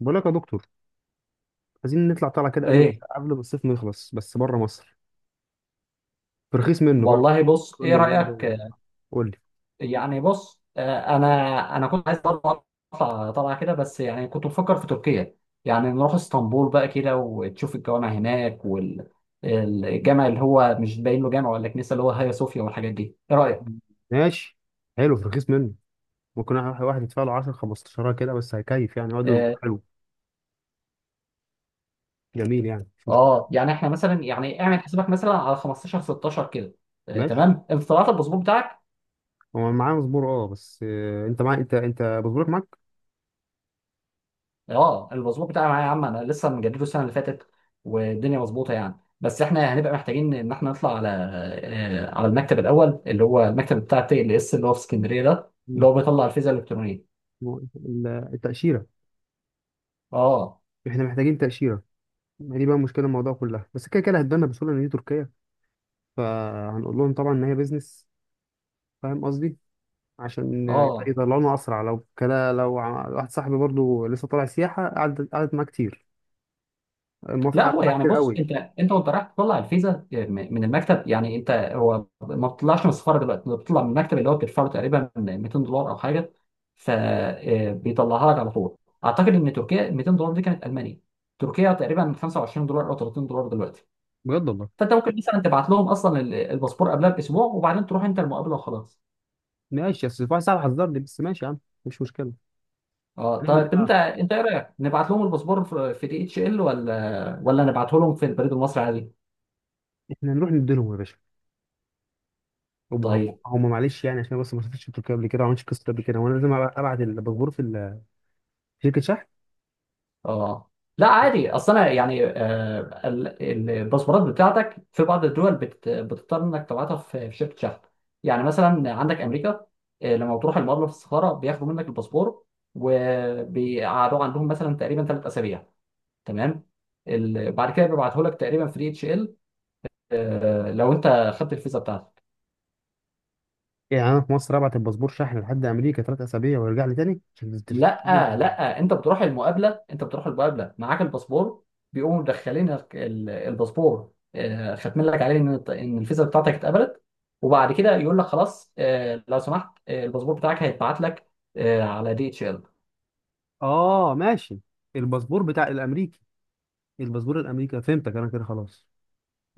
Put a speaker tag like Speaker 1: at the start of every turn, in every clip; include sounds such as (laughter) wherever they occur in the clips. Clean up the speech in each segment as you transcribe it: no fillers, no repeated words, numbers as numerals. Speaker 1: بقول لك يا دكتور، عايزين نطلع طالعه كده قبل
Speaker 2: ايه،
Speaker 1: ما الصيف ما يخلص، بس بره مصر في رخيص منه بقى.
Speaker 2: والله بص،
Speaker 1: قول
Speaker 2: ايه
Speaker 1: لي اوروبا
Speaker 2: رايك؟
Speaker 1: قول لي.
Speaker 2: يعني بص، انا كنت عايز برضه اطلع طلعه كده، بس يعني كنت بفكر في تركيا. يعني نروح اسطنبول بقى كده وتشوف الجوامع هناك، والجامع اللي هو مش باين له جامع ولا كنيسه اللي هو هيا صوفيا والحاجات دي. ايه رايك؟
Speaker 1: ماشي، حلو في رخيص منه. ممكن واحد يدفع له 10 15 كده، بس هيكيف يعني يقعد له
Speaker 2: اه.
Speaker 1: اسبوع. حلو، جميل، يعني مش مشكله.
Speaker 2: يعني احنا مثلا، يعني اعمل حسابك مثلا على 15 16 كده.
Speaker 1: ماشي،
Speaker 2: تمام. انت طلعت الباسبور بتاعك؟
Speaker 1: هو معاه مزبور، اه بس، انت معاه، انت مزبورك معاك.
Speaker 2: اه، المظبوط بتاعي معايا يا عم، انا لسه مجدده السنه اللي فاتت، والدنيا مظبوطه يعني. بس احنا يعني هنبقى محتاجين ان احنا نطلع على على المكتب الاول اللي هو المكتب بتاع تي ال اس اللي هو في اسكندريه، ده اللي
Speaker 1: مم.
Speaker 2: هو بيطلع الفيزا الالكترونيه.
Speaker 1: هو ال- التاشيره،
Speaker 2: اه.
Speaker 1: احنا محتاجين تاشيره. ما دي بقى مشكله الموضوع كلها، بس كده كده هتبان بسهوله ان دي تركيا، فهنقول لهم طبعا ان هي بيزنس. فاهم قصدي؟ عشان
Speaker 2: اه
Speaker 1: يطلعونه اسرع. لو كده واحد صاحبي برضو لسه طالع سياحه قعد، قعدت معاه كتير، الموافقه
Speaker 2: لا،
Speaker 1: قعدت
Speaker 2: هو
Speaker 1: معاه
Speaker 2: يعني
Speaker 1: كتير
Speaker 2: بص،
Speaker 1: قوي.
Speaker 2: انت وانت رايح تطلع الفيزا من المكتب، يعني انت هو ما بتطلعش من السفاره دلوقتي، انت بتطلع من المكتب اللي هو بتدفع له تقريبا 200 دولار او حاجه، فبيطلعها لك على طول. اعتقد ان تركيا 200 دولار دي كانت المانيا. تركيا تقريبا 25 دولار او 30 دولار دلوقتي.
Speaker 1: بجد والله؟
Speaker 2: فانت ممكن مثلا تبعت لهم اصلا الباسبور قبلها باسبوع، وبعدين تروح انت المقابله وخلاص.
Speaker 1: ماشي بس. واحد صاحبي حذرني، بس ماشي يا عم، مش مشكله.
Speaker 2: اه
Speaker 1: هنعمل ايه
Speaker 2: طيب،
Speaker 1: بقى؟
Speaker 2: انت ايه رايك؟ نبعت لهم الباسبور في دي اتش ال ولا نبعته لهم في البريد المصري عادي؟
Speaker 1: احنا نروح نديلهم يا باشا، هم
Speaker 2: طيب.
Speaker 1: هم معلش يعني، عشان بس ما سافرتش تركيا قبل كده، ما عملتش قصه قبل كده، وانا لازم ابعت الباسبور في في شركه شحن.
Speaker 2: اه لا عادي، اصل انا يعني آه، الباسبورات بتاعتك في بعض الدول بتضطر انك تبعتها في شركه شحن. يعني مثلا عندك امريكا، لما بتروح المقر في السفاره بياخدوا منك الباسبور، وبيقعدوه عندهم مثلا تقريبا ثلاث اسابيع. تمام. بعد كده بيبعته لك تقريبا فري اتش ال، لو انت خدت الفيزا بتاعتك.
Speaker 1: يعني انا في مصر ابعت الباسبور شحن لحد امريكا ثلاث اسابيع ويرجع لي تاني،
Speaker 2: لا لا، انت بتروح المقابله، انت بتروح المقابله معاك الباسبور، بيقوموا مدخلين الباسبور، ختم لك عليه ان ان الفيزا بتاعتك اتقبلت. وبعد كده يقول لك خلاص، لو سمحت، الباسبور بتاعك هيتبعت لك على دي اتش ال.
Speaker 1: اه ماشي. الباسبور بتاع الامريكي، الباسبور الامريكي فهمتك انا كده خلاص،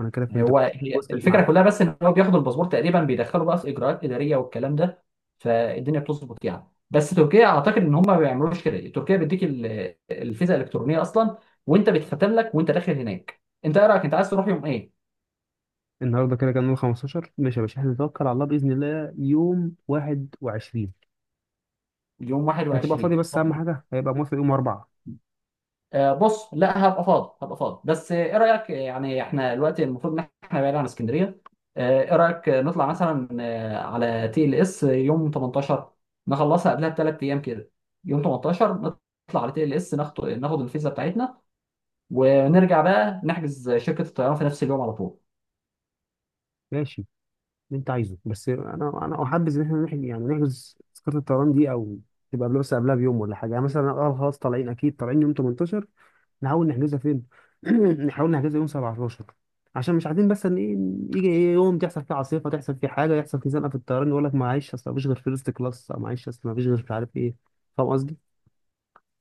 Speaker 1: انا كده فهمتك،
Speaker 2: هو هي
Speaker 1: وصلت
Speaker 2: الفكره
Speaker 1: معاك.
Speaker 2: كلها بس ان هو بياخد الباسبور تقريبا، بيدخله بقى في اجراءات اداريه والكلام ده. فالدنيا بتظبط يعني. بس تركيا اعتقد ان هم ما بيعملوش كده، تركيا بيديك الفيزا الالكترونيه اصلا، وانت بيتختم لك وانت داخل هناك. انت ايه رايك؟ انت عايز تروح يوم ايه؟
Speaker 1: النهارده كده كان يوم 15، ماشي يا باشا احنا نتوكل على الله، باذن الله يوم 21
Speaker 2: يوم
Speaker 1: هتبقى فاضي؟
Speaker 2: 21؟
Speaker 1: بس اهم حاجه هيبقى موافق يوم 4.
Speaker 2: بص، لا هبقى فاضي هبقى فاضي. بس ايه رايك؟ يعني احنا دلوقتي المفروض ان احنا بعيد عن اسكندريه. ايه رايك نطلع مثلا على تي ال اس يوم 18، نخلصها قبلها بثلاث ايام كده. يوم 18 نطلع على تي ال اس، ناخد ناخد الفيزا بتاعتنا، ونرجع بقى نحجز شركه الطيران في نفس اليوم على طول.
Speaker 1: ماشي اللي انت عايزه، بس انا احبذ ان احنا نحجز، يعني نحجز تذكره الطيران دي، او تبقى بس قبلها بيوم ولا حاجه. يعني مثلا اه خلاص طالعين، اكيد طالعين يوم 18، نحاول نحجزها فين؟ (clears throat) نحاول نحجزها يوم 17، عشان مش عايزين بس ان ايه، يجي ايه يوم تحصل فيه عاصفه، تحصل فيه حاجه، يحصل فيه زنقه في الطيران، يقول لك معلش اصل مفيش غير فيرست كلاس، او معلش اصل مفيش غير مش عارف ايه. فاهم قصدي؟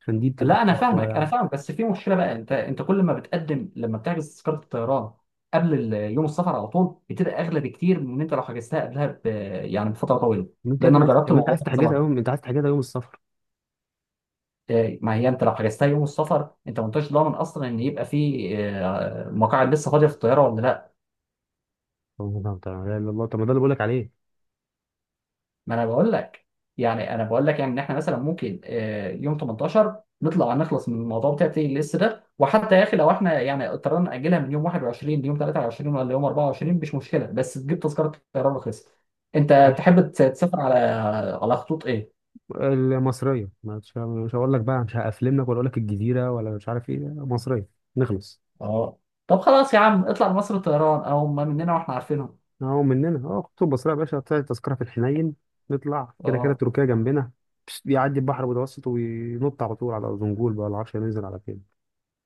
Speaker 1: عشان دي بتبقى
Speaker 2: لا انا
Speaker 1: صعبه شويه
Speaker 2: فاهمك، انا
Speaker 1: يعني.
Speaker 2: فاهمك. بس في مشكله بقى، انت كل ما بتقدم لما بتحجز تذكره الطيران قبل يوم السفر على طول، بتبقى اغلى بكتير من انت لو حجزتها قبلها يعني بفتره طويله.
Speaker 1: انت يا
Speaker 2: لان
Speaker 1: ابني
Speaker 2: انا
Speaker 1: عايز،
Speaker 2: جربت
Speaker 1: طب انت
Speaker 2: الموضوع
Speaker 1: عايز
Speaker 2: ده كذا
Speaker 1: تحجزها يوم،
Speaker 2: مره.
Speaker 1: انت عايز تحجزها يوم السفر؟
Speaker 2: إيه، ما هي انت لو حجزتها يوم السفر، انت ما انتش ضامن اصلا ان يبقى في مقاعد لسه فاضيه في الطياره ولا لا.
Speaker 1: طب ما ده- طب ما ده- الله، طب ما ده اللي بقول لك عليه.
Speaker 2: ما انا بقول لك، يعني انا بقول لك يعني ان احنا مثلا ممكن يوم 18 نطلع نخلص من الموضوع بتاع تيجي لسه ده. وحتى يا اخي لو احنا يعني اضطرينا ناجلها من يوم 21 ليوم 23 ولا يوم 24 مش مشكله، بس تجيب تذكره طيران رخيصه. انت تحب تسافر على خطوط ايه؟
Speaker 1: المصرية، مش هقول لك بقى مش هقفلملك، ولا اقول لك الجزيرة ولا مش عارف ايه، مصرية نخلص.
Speaker 2: اه طب خلاص يا عم، اطلع لمصر الطيران، او ما مننا واحنا عارفينهم.
Speaker 1: اهو مننا، اه خطوط مصرية يا باشا، طلعت تذكرة في الحنين. نطلع كده كده
Speaker 2: اه.
Speaker 1: تركيا جنبنا، بس بيعدي البحر المتوسط وينط على طول على أرزنبول بقى، ولا عارف ننزل على فين.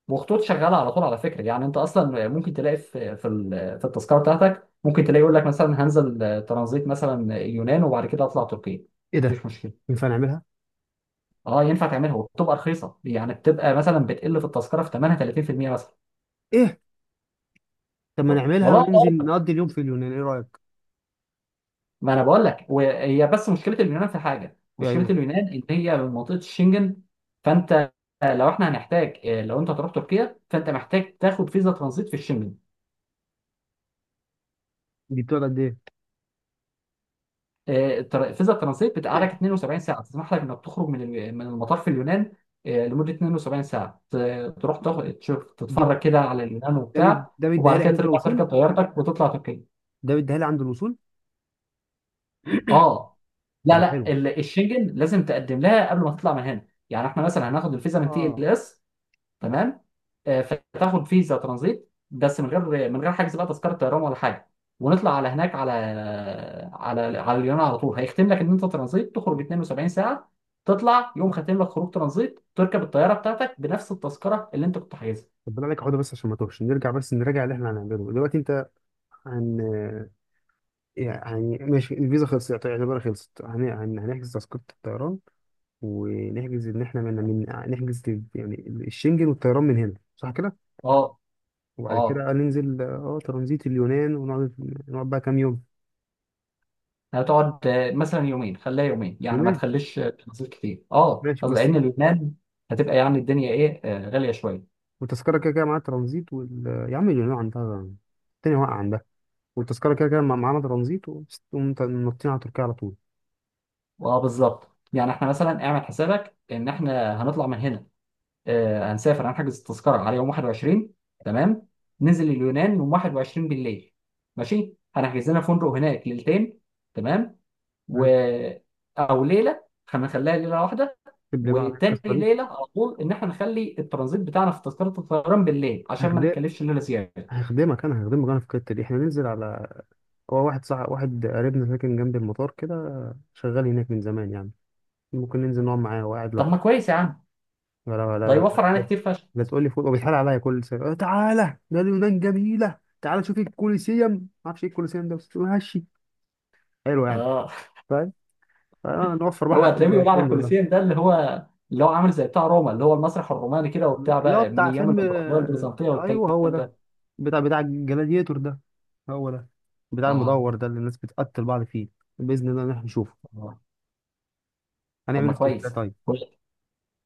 Speaker 2: وخطوط شغاله على طول على فكره، يعني انت اصلا ممكن تلاقي في في التذكره بتاعتك، ممكن تلاقي يقول لك مثلا هنزل ترانزيت مثلا يونان وبعد كده اطلع تركيا.
Speaker 1: ايه ده؟
Speaker 2: مفيش مشكله.
Speaker 1: ينفع نعملها؟
Speaker 2: اه ينفع تعملها، وبتبقى رخيصه، يعني بتبقى مثلا بتقل في التذكره في ثمنها 30% مثلا.
Speaker 1: ايه؟ طب ما نعملها
Speaker 2: والله
Speaker 1: وننزل
Speaker 2: أعلم.
Speaker 1: نقضي اليوم في اليونان، ايه رأيك؟
Speaker 2: ما انا بقول لك، وهي بس مشكله اليونان في حاجه، مشكله
Speaker 1: ايوه،
Speaker 2: اليونان ان هي من منطقه الشنجن. فانت لو احنا هنحتاج لو انت هتروح تركيا فانت محتاج تاخد فيزا ترانزيت في الشنجن.
Speaker 1: دي بتقعد قد ايه؟
Speaker 2: الفيزا الترانزيت بتقعدك 72 ساعه، تسمح لك انك تخرج من من المطار في اليونان لمده 72 ساعه، تروح تاخد تشوف
Speaker 1: دي
Speaker 2: تتفرج كده على اليونان وبتاع،
Speaker 1: ده بيديها
Speaker 2: وبعد
Speaker 1: لي
Speaker 2: كده
Speaker 1: عند
Speaker 2: ترجع
Speaker 1: الوصول،
Speaker 2: تركب طيارتك وتطلع تركيا.
Speaker 1: ده بيديها لي عند الوصول.
Speaker 2: اه
Speaker 1: طب
Speaker 2: لا
Speaker 1: ما
Speaker 2: لا،
Speaker 1: حلو،
Speaker 2: الشنجن لازم تقدم لها قبل ما تطلع من هنا. يعني احنا مثلا هناخد الفيزا من تي
Speaker 1: اه.
Speaker 2: ال اس. تمام. فتاخد فيزا ترانزيت بس من غير حجز بقى تذكره طيران ولا حاجه، ونطلع على هناك على على اليونان. على طول هيختم لك ان انت ترانزيت تخرج 72 ساعه، تطلع يوم ختم لك خروج ترانزيت، تركب الطياره بتاعتك بنفس التذكره اللي انت كنت حاجزها.
Speaker 1: طب بالله عليك اقعد بس عشان ما توهش، نرجع بس نراجع اللي احنا هنعمله دلوقتي. انت عن، يعني ماشي الفيزا خلصت يعتبر خلصت، هنحجز تذكرة الطيران، ونحجز إن إحنا نحجز يعني الشنجن والطيران من هنا، صح كده؟
Speaker 2: اه.
Speaker 1: وبعد
Speaker 2: اه
Speaker 1: كده ننزل اه ترانزيت اليونان ونقعد. نقعد بقى كام يوم؟
Speaker 2: هتقعد مثلا يومين، خليها يومين، يعني ما
Speaker 1: يومين،
Speaker 2: تخليش ترانزيت كتير، اه،
Speaker 1: ماشي بس.
Speaker 2: لان اليونان هتبقى يعني الدنيا ايه غاليه شويه.
Speaker 1: والتذكرة كده كده معاها ترانزيت وال... يا عم اليونان عندها التاني واقع عندها، والتذكرة كده كده معانا ترانزيت، ونطين على تركيا على طول.
Speaker 2: اه بالظبط. يعني احنا مثلا اعمل حسابك ان احنا هنطلع من هنا هنسافر، هنحجز التذكره على يوم 21. تمام. ننزل اليونان يوم 21 بالليل، ماشي، هنحجز لنا فندق هناك ليلتين. تمام. و،
Speaker 1: ماشي،
Speaker 2: او ليله، هنخليها ليله واحده.
Speaker 1: اكتب لي بقى على
Speaker 2: وتاني
Speaker 1: القصة دي.
Speaker 2: ليله على طول ان احنا نخلي الترانزيت بتاعنا في تذكره الطيران بالليل، عشان ما
Speaker 1: هخدمك،
Speaker 2: نتكلفش ليله زياده.
Speaker 1: هخدمك أنا، هخدمك أنا في الحتة دي. إحنا ننزل على، هو واحد صح، واحد قريبنا ساكن جنب المطار كده، شغال هناك من زمان يعني. ممكن ننزل نقعد معاه، هو قاعد
Speaker 2: طب
Speaker 1: لوحده.
Speaker 2: ما كويس يا عم.
Speaker 1: لا لا
Speaker 2: ده
Speaker 1: لا
Speaker 2: يوفر علينا
Speaker 1: لا،
Speaker 2: كتير فشخ.
Speaker 1: لا تقول لي فوق، وبيتحال عليا كل سنة، تعالى ده اليونان جميلة، تعالى شوف الكوليسيوم، ما اعرفش ايه الكوليسيوم ده، بس ماشي، حلو يعني.
Speaker 2: اه.
Speaker 1: فاهم؟
Speaker 2: (laughs)
Speaker 1: فنوفر بقى
Speaker 2: هو
Speaker 1: حق
Speaker 2: هتلاقيه بيقول على
Speaker 1: الفندق ده.
Speaker 2: الكولوسيوم ده اللي هو، اللي هو عامل زي بتاع روما اللي هو المسرح الروماني كده، وبتاع
Speaker 1: اللي هو
Speaker 2: بقى من
Speaker 1: بتاع
Speaker 2: ايام
Speaker 1: فيلم،
Speaker 2: الامبراطوريه البيزنطيه
Speaker 1: ايوه
Speaker 2: والكلام
Speaker 1: هو ده،
Speaker 2: ده.
Speaker 1: بتاع الجلاديتور ده، هو ده، بتاع
Speaker 2: اه.
Speaker 1: المدور ده اللي الناس بتقتل بعض فيه. بإذن الله إن احنا نشوفه.
Speaker 2: آه. طب
Speaker 1: هنعمل
Speaker 2: ما
Speaker 1: ايه في تركيا
Speaker 2: كويس.
Speaker 1: طيب؟
Speaker 2: كويس.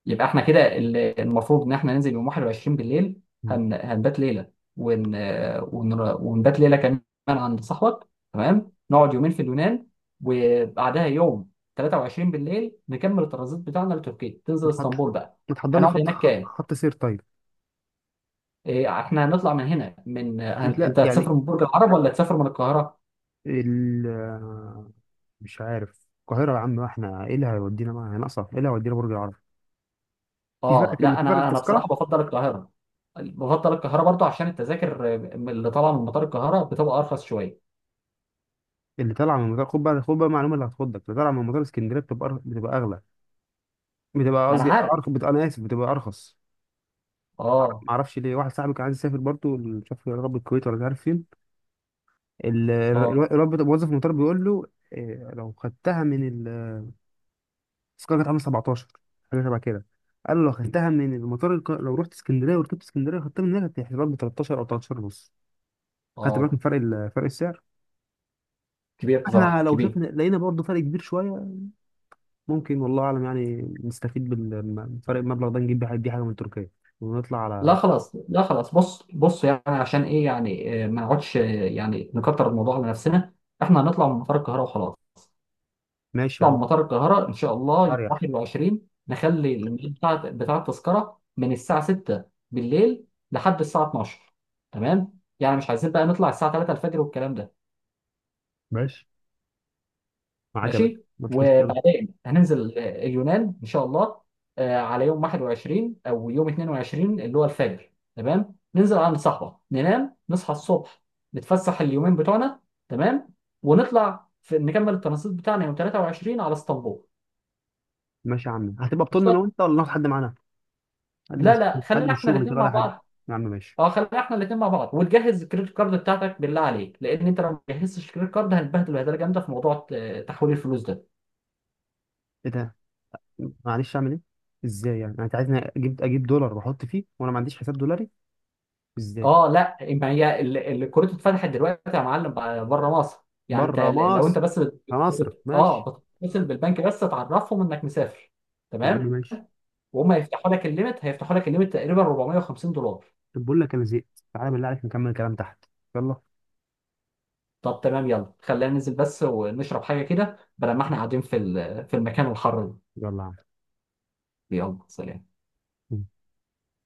Speaker 2: يبقى احنا كده المفروض ان احنا ننزل يوم 21 بالليل، هنبات ليله، ون... ونبات ليله كمان عند صاحبك. تمام. نقعد يومين في اليونان، وبعدها يوم 23 بالليل نكمل الترانزيت بتاعنا لتركيا، تنزل
Speaker 1: ما تحض-
Speaker 2: اسطنبول بقى.
Speaker 1: ما تحضرنا
Speaker 2: هنقعد
Speaker 1: خط،
Speaker 2: هناك كام؟
Speaker 1: خط سير طيب.
Speaker 2: إيه، احنا هنطلع من هنا من
Speaker 1: مش لا
Speaker 2: انت هتسافر
Speaker 1: يعني،
Speaker 2: من برج العرب ولا هتسافر من القاهره؟
Speaker 1: ال، مش عارف. القاهرة يا عم؟ احنا ايه اللي هيودينا بقى، هنقصر، ايه اللي هيودينا برج العرب؟ في فرق،
Speaker 2: اه
Speaker 1: في
Speaker 2: لا،
Speaker 1: في فرق
Speaker 2: انا بصراحه
Speaker 1: التذكرة.
Speaker 2: بفضل القاهره. بفضل القاهره برضو عشان التذاكر اللي طالعه من مطار القاهره بتبقى ارخص شويه.
Speaker 1: اللي طالعة من مطار، خد بقى، خد بقى معلومة اللي هتخضك، اللي طالعة من مطار اسكندرية بتبقى بتبقى أغلى، بتبقى
Speaker 2: ما انا
Speaker 1: قصدي
Speaker 2: عارف.
Speaker 1: أرخص، بتبقى أنا آسف، بتبقى أرخص.
Speaker 2: اه.
Speaker 1: معرفش ليه، واحد صاحبي كان عايز يسافر برضه، مش عارف يا رب الكويت ولا مش عارف فين،
Speaker 2: اه.
Speaker 1: الواد موظف المطار بيقول له، إيه، لو خدتها من، التذكرة كانت عاملة 17 حاجة شبه كده، قالوا لو خدتها من المطار الق... لو رحت اسكندرية وركبت اسكندرية خدتها من هنا، هتحسب لك ب 13 أو 13 ونص. خدت بالك من
Speaker 2: اه
Speaker 1: فرق ال... فرق السعر؟
Speaker 2: كبير
Speaker 1: احنا
Speaker 2: بصراحه،
Speaker 1: لو
Speaker 2: كبير.
Speaker 1: شفنا لقينا برضه فرق كبير شوية. ممكن والله أعلم يعني نستفيد من فرق المبلغ ده، نجيب بيه بيه حاجة من تركيا ونطلع
Speaker 2: لا
Speaker 1: على.
Speaker 2: خلاص لا خلاص، بص بص يعني عشان ايه يعني ما نقعدش يعني نكتر الموضوع على نفسنا. احنا هنطلع من مطار القاهره وخلاص.
Speaker 1: ماشي يا
Speaker 2: نطلع
Speaker 1: عم،
Speaker 2: من مطار القاهره ان شاء الله يوم
Speaker 1: أريح.
Speaker 2: 21. نخلي الميعاد بتاع التذكره من الساعه 6 بالليل لحد الساعه 12. تمام، يعني مش عايزين بقى نطلع الساعه 3 الفجر والكلام ده.
Speaker 1: ماشي معاك يا باشا،
Speaker 2: ماشي.
Speaker 1: مفيش مشكلة.
Speaker 2: وبعدين هننزل اليونان ان شاء الله على يوم 21 او يوم 22 اللي هو الفجر. تمام. ننزل على الصحراء ننام، نصحى الصبح، نتفسح اليومين بتوعنا. تمام. ونطلع في نكمل الترانزيت بتاعنا يوم 23 على اسطنبول.
Speaker 1: ماشي يا عم، هتبقى
Speaker 2: مش
Speaker 1: بطولنا أنا
Speaker 2: صح؟
Speaker 1: وأنت ولا ناخد حد معانا؟ حد
Speaker 2: لا
Speaker 1: مش،
Speaker 2: لا،
Speaker 1: حد
Speaker 2: خلينا
Speaker 1: مش
Speaker 2: احنا
Speaker 1: شغل كده
Speaker 2: الاثنين مع
Speaker 1: ولا حد.
Speaker 2: بعض.
Speaker 1: يا عم ماشي.
Speaker 2: اه خلينا احنا الاثنين مع بعض. وتجهز الكريدت كارد بتاعتك بالله عليك، لان انت لو ما جهزتش الكريدت كارد هنتبهدل بهدله جامده في موضوع تحويل الفلوس ده.
Speaker 1: إيه ده؟ معلش اعمل ايه، ازاي يعني انت عايزني اجيب، اجيب دولار واحط فيه وانا ما عنديش حساب دولاري، ازاي؟
Speaker 2: اه لا، ما هي كرة اتفتحت دلوقتي يا معلم، بره مصر. يعني انت
Speaker 1: بره
Speaker 2: لو
Speaker 1: مصر
Speaker 2: انت بس
Speaker 1: هنصرف، ماشي.
Speaker 2: اه بتتصل بالبنك بس تعرفهم انك مسافر.
Speaker 1: يا عم
Speaker 2: تمام.
Speaker 1: ماشي.
Speaker 2: وهم هيفتحوا لك الليمت، هيفتحوا لك الليمت تقريبا 450 دولار.
Speaker 1: طب بقول لك انا زهقت، تعالى بالله عليك نكمل الكلام تحت. يلا.
Speaker 2: طب تمام، يلا خلينا ننزل بس ونشرب حاجة كده، بدل ما احنا قاعدين في في المكان الحر ده.
Speaker 1: يلا يا
Speaker 2: يلا سلام.
Speaker 1: عم.